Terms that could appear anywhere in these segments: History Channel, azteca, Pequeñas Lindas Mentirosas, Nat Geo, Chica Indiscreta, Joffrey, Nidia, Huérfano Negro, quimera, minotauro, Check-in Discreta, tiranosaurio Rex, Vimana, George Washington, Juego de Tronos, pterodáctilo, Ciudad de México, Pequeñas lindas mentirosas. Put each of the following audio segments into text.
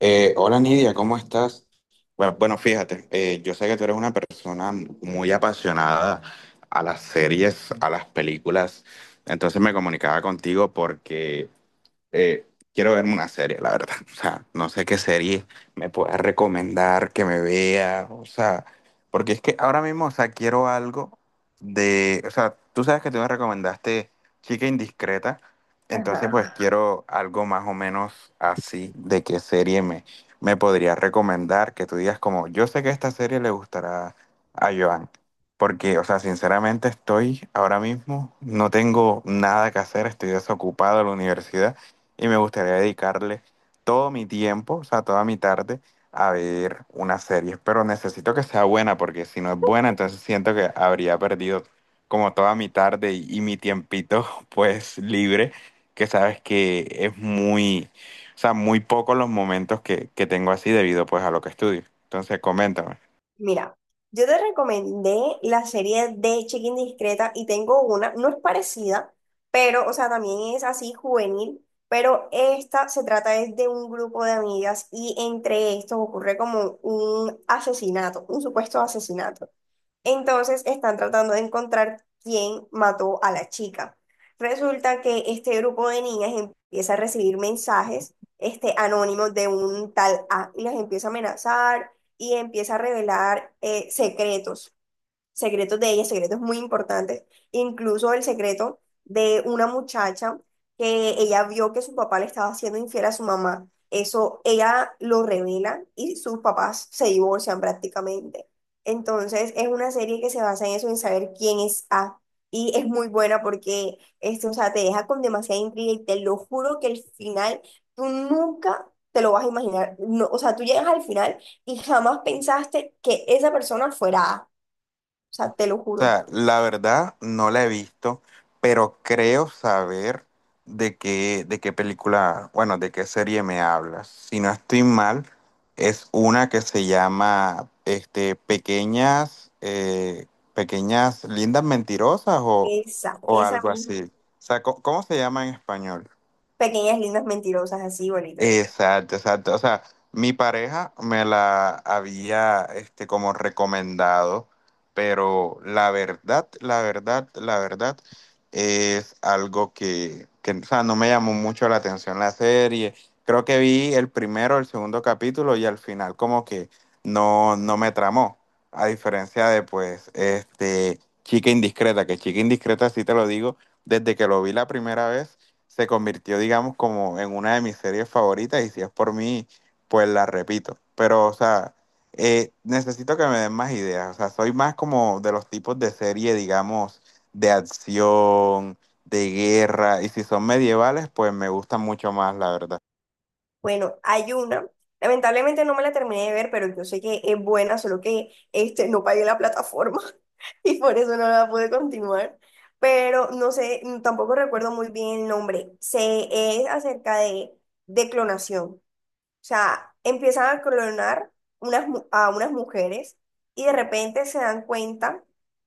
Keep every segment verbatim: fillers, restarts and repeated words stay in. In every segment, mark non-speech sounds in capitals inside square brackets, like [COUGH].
Eh, hola Nidia, ¿cómo estás? Bueno, bueno, fíjate, eh, yo sé que tú eres una persona muy apasionada a las series, a las películas, entonces me comunicaba contigo porque eh, quiero verme una serie, la verdad. [LAUGHS] O sea, no sé qué serie me puedas recomendar que me vea. O sea, porque es que ahora mismo, o sea, quiero algo de. O sea, tú sabes que tú me recomendaste Chica Indiscreta. Entonces, Ajá. pues quiero algo más o menos así de qué serie me, me podrías recomendar. Que tú digas, como, yo sé que esta serie le gustará a Joan. Porque, o sea, sinceramente estoy ahora mismo, no tengo nada que hacer, estoy desocupado de la universidad y me gustaría dedicarle todo mi tiempo, o sea, toda mi tarde a ver una serie, pero necesito que sea buena porque si no es buena, entonces siento que habría perdido como toda mi tarde y, y mi tiempito [LAUGHS] pues libre, que sabes que es muy, o sea, muy pocos los momentos que, que tengo así debido pues a lo que estudio. Entonces, coméntame. Mira, yo te recomendé la serie de Check-in Discreta y tengo una, no es parecida, pero, o sea, también es así juvenil, pero esta se trata es de un grupo de amigas y entre estos ocurre como un asesinato, un supuesto asesinato. Entonces están tratando de encontrar quién mató a la chica. Resulta que este grupo de niñas empieza a recibir mensajes este, anónimos de un tal A y las empieza a amenazar y empieza a revelar eh, secretos secretos de ella, secretos muy importantes, incluso el secreto de una muchacha que ella vio que su papá le estaba haciendo infiel a su mamá. Eso ella lo revela y sus papás se divorcian prácticamente. Entonces es una serie que se basa en eso, en saber quién es A. Y es muy buena porque, este, o sea, te deja con demasiada intriga y te lo juro que el final tú nunca te lo vas a imaginar. No, o sea, tú llegas al final y jamás pensaste que esa persona fuera A. O sea, te lo O juro. sea, la verdad no la he visto, pero creo saber de qué, de qué película, bueno, de qué serie me hablas. Si no estoy mal, es una que se llama este, Pequeñas, eh, Pequeñas Lindas Mentirosas o, Esa, o esa algo misma. así. O sea, ¿cómo, cómo se llama en español? Pequeñas lindas mentirosas, así bonito. Exacto, exacto. O sea, mi pareja me la había, este, como recomendado, pero la verdad, la verdad, la verdad es algo que, que, o sea, no me llamó mucho la atención la serie. Creo que vi el primero, el segundo capítulo y al final como que no, no me tramó. A diferencia de, pues, este, Chica Indiscreta, que Chica Indiscreta sí te lo digo, desde que lo vi la primera vez se convirtió, digamos, como en una de mis series favoritas y si es por mí, pues la repito. Pero, o sea, eh, necesito que me den más ideas. O sea, soy más como de los tipos de serie, digamos, de acción, de guerra y si son medievales, pues me gustan mucho más, la verdad. Bueno, hay una. Lamentablemente no me la terminé de ver, pero yo sé que es buena, solo que este, no pagué la plataforma [LAUGHS] y por eso no la pude continuar. Pero no sé, tampoco recuerdo muy bien el nombre. Se es acerca de, de clonación. O sea, empiezan a clonar unas, mu- a unas mujeres y de repente se dan cuenta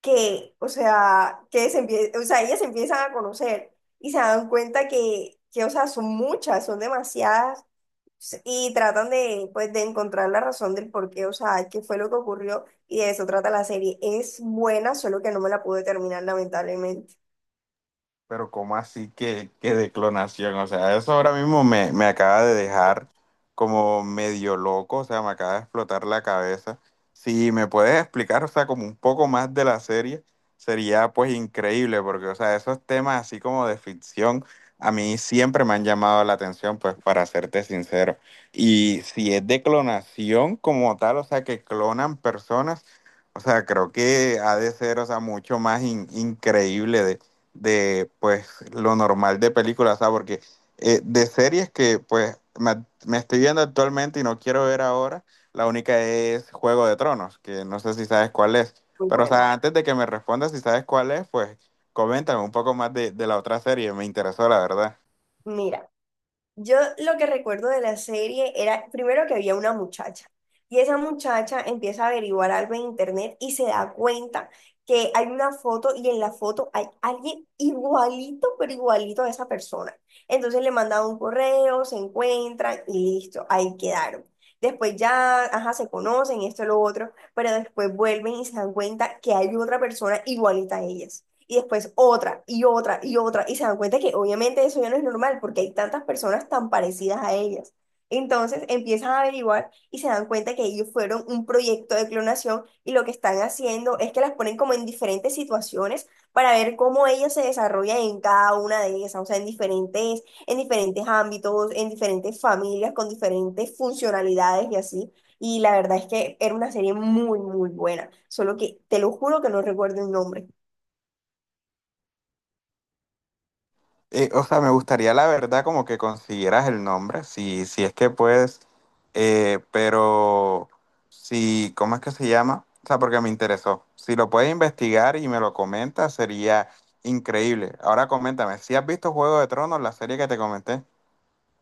que, o sea, que se empie- o sea, ellas se empiezan a conocer y se dan cuenta que, que, o sea, son muchas, son demasiadas y tratan de, pues, de encontrar la razón del por qué, o sea, qué fue lo que ocurrió y de eso trata la serie. Es buena, solo que no me la pude terminar, lamentablemente. Pero ¿cómo así que, que de clonación? O sea, eso ahora mismo me, me acaba de dejar como medio loco, o sea, me acaba de explotar la cabeza. Si me puedes explicar, o sea, como un poco más de la serie, sería pues increíble, porque, o sea, esos temas así como de ficción, a mí siempre me han llamado la atención, pues para serte sincero. Y si es de clonación como tal, o sea, que clonan personas, o sea, creo que ha de ser, o sea, mucho más in- increíble de de pues lo normal de películas, ¿sabes? Porque eh, de series que pues me, me estoy viendo actualmente y no quiero ver ahora, la única es Juego de Tronos, que no sé si sabes cuál es. Muy Pero, o buena. sea, antes de que me respondas si sabes cuál es, pues coméntame un poco más de, de la otra serie, me interesó, la verdad. Mira. Yo lo que recuerdo de la serie era primero que había una muchacha y esa muchacha empieza a averiguar algo en internet y se da cuenta que hay una foto y en la foto hay alguien igualito, pero igualito a esa persona. Entonces le mandan un correo, se encuentran y listo, ahí quedaron. Después ya, ajá, se conocen, esto, lo otro, pero después vuelven y se dan cuenta que hay otra persona igualita a ellas y después otra y otra y otra y se dan cuenta que obviamente eso ya no es normal porque hay tantas personas tan parecidas a ellas. Entonces empiezan a averiguar y se dan cuenta que ellos fueron un proyecto de clonación y lo que están haciendo es que las ponen como en diferentes situaciones para ver cómo ellas se desarrollan en cada una de ellas, o sea, en diferentes, en diferentes ámbitos, en diferentes familias, con diferentes funcionalidades y así. Y la verdad es que era una serie muy, muy buena, solo que te lo juro que no recuerdo el nombre. Eh, o sea, me gustaría la verdad como que consiguieras el nombre, si, si es que puedes, eh, pero si, ¿cómo es que se llama? O sea, porque me interesó. Si lo puedes investigar y me lo comentas, sería increíble. Ahora coméntame, ¿si has visto Juego de Tronos, la serie que te comenté?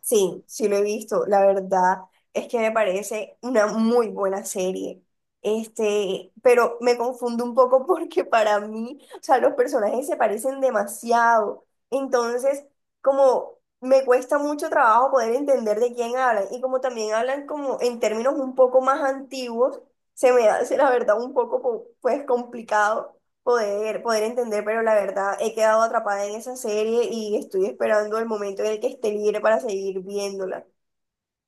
Sí, sí lo he visto. La verdad es que me parece una muy buena serie. Este, pero me confundo un poco [LAUGHS] porque para mí, o sea, los personajes se parecen demasiado. Entonces, como me cuesta mucho trabajo poder entender de quién hablan y como también hablan como en términos un poco más antiguos, se me hace la verdad un poco co- pues complicado poder, poder entender, pero la verdad he quedado atrapada en esa serie y estoy esperando el momento en el que esté libre para seguir viéndola.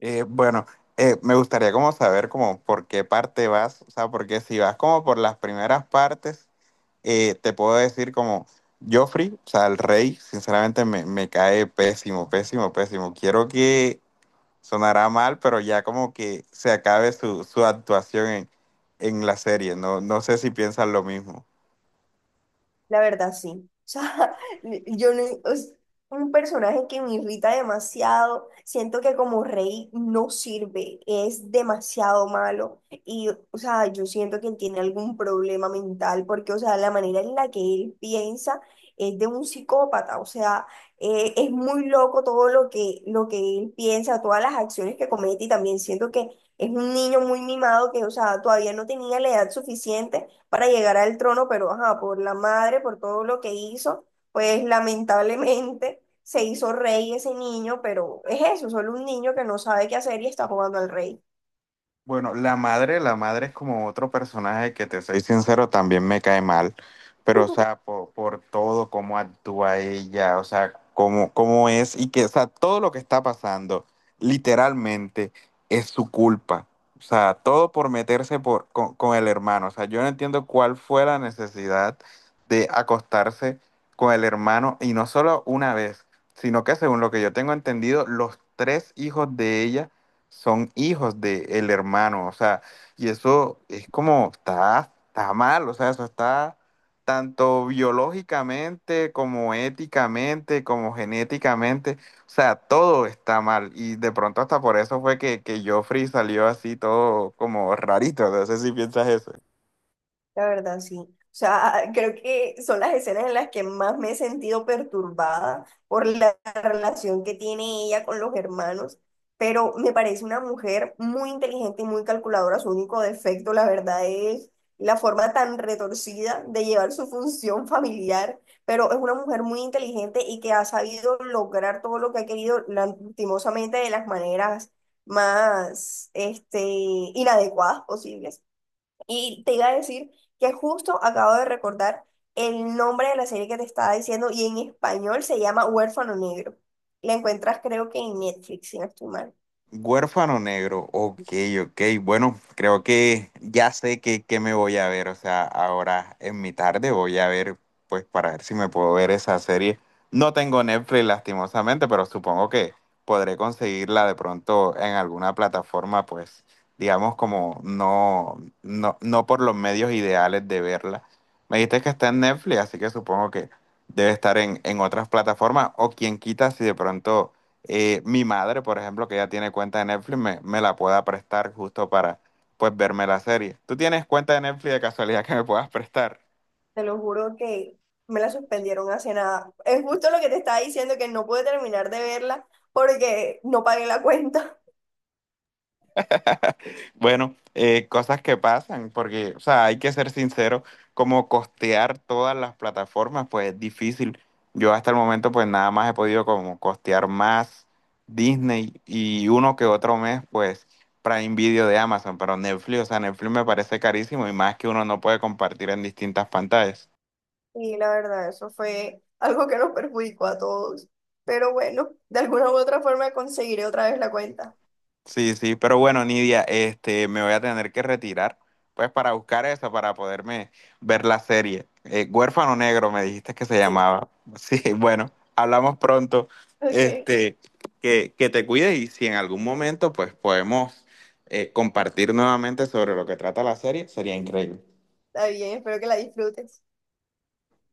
Eh, bueno, eh, me gustaría como saber como por qué parte vas, o sea, porque si vas como por las primeras partes eh, te puedo decir como Joffrey, o sea, el rey, sinceramente me, me cae pésimo, pésimo, pésimo. Quiero que sonará mal, pero ya como que se acabe su, su actuación en, en la serie. No, no sé si piensan lo mismo. La verdad, sí. O sea, [LAUGHS] yo no, es un personaje que me irrita demasiado. Siento que como rey no sirve, es demasiado malo. Y, o sea, yo siento que él tiene algún problema mental, porque, o sea, la manera en la que él piensa es de un psicópata. O sea, eh, es muy loco todo lo que, lo que él piensa, todas las acciones que comete. Y también siento que es un niño muy mimado que, o sea, todavía no tenía la edad suficiente para llegar al trono, pero ajá, por la madre, por todo lo que hizo, pues lamentablemente se hizo rey ese niño, pero es eso, solo un niño que no sabe qué hacer y está jugando al rey. Bueno, la madre, la madre es como otro personaje que te soy sincero, también me cae mal, pero o sea, por, por todo, cómo actúa ella, o sea, cómo, cómo es y que, o sea, todo lo que está pasando, literalmente, es su culpa. O sea, todo por meterse por, con, con el hermano. O sea, yo no entiendo cuál fue la necesidad de acostarse con el hermano y no solo una vez, sino que según lo que yo tengo entendido, los tres hijos de ella son hijos del hermano, o sea, y eso es como, está, está mal, o sea, eso está tanto biológicamente como éticamente, como genéticamente, o sea, todo está mal, y de pronto hasta por eso fue que, que Joffrey salió así todo como rarito, no sé si piensas eso. La verdad, sí. O sea, [LAUGHS] creo que son las escenas en las que más me he sentido perturbada por la relación que tiene ella con los hermanos, pero me parece una mujer muy inteligente y muy calculadora. Su único defecto, la verdad, es la forma tan retorcida de llevar su función familiar, pero es una mujer muy inteligente y que ha sabido lograr todo lo que ha querido, lastimosamente, de las maneras más, este, inadecuadas posibles. Y te iba a decir que justo acabo de recordar el nombre de la serie que te estaba diciendo y en español se llama Huérfano Negro. La encuentras creo que en Netflix, si no estoy mal. Huérfano negro, ok, ok. Bueno, creo que ya sé que, que me voy a ver. O sea, ahora en mi tarde voy a ver, pues para ver si me puedo ver esa serie. No tengo Netflix, lastimosamente, pero supongo que podré conseguirla de pronto en alguna plataforma, pues, digamos, como no, no, no por los medios ideales de verla. Me dijiste que está en Netflix, así que supongo que debe estar en, en otras plataformas, o quien quita si de pronto eh, mi madre, por ejemplo, que ya tiene cuenta de Netflix, me, me la pueda prestar justo para, pues, verme la serie. ¿Tú tienes cuenta de Netflix de casualidad que me puedas prestar? Te lo juro que me la suspendieron hace nada. Es justo lo que te estaba diciendo que no pude terminar de verla porque no pagué la cuenta. [LAUGHS] Bueno, eh, cosas que pasan, porque, o sea, hay que ser sincero, como costear todas las plataformas, pues es difícil. Yo hasta el momento, pues, nada más he podido como costear más Disney y uno que otro mes, pues, Prime Video de Amazon, pero Netflix, o sea, Netflix me parece carísimo y más que uno no puede compartir en distintas pantallas. Y la verdad, eso fue algo que nos perjudicó a todos. Pero bueno, de alguna u otra forma conseguiré otra vez la cuenta. Sí, sí, pero bueno, Nidia, este, me voy a tener que retirar, pues para buscar esa, para poderme ver la serie. Eh, Huérfano Negro, me dijiste que se Sí, llamaba. Sí, [LAUGHS] bueno, hablamos pronto. [LAUGHS] ok, Este, que, que te cuides y si en algún momento, pues podemos eh, compartir nuevamente sobre lo que trata la serie, sería increíble. está bien, espero que la disfrutes.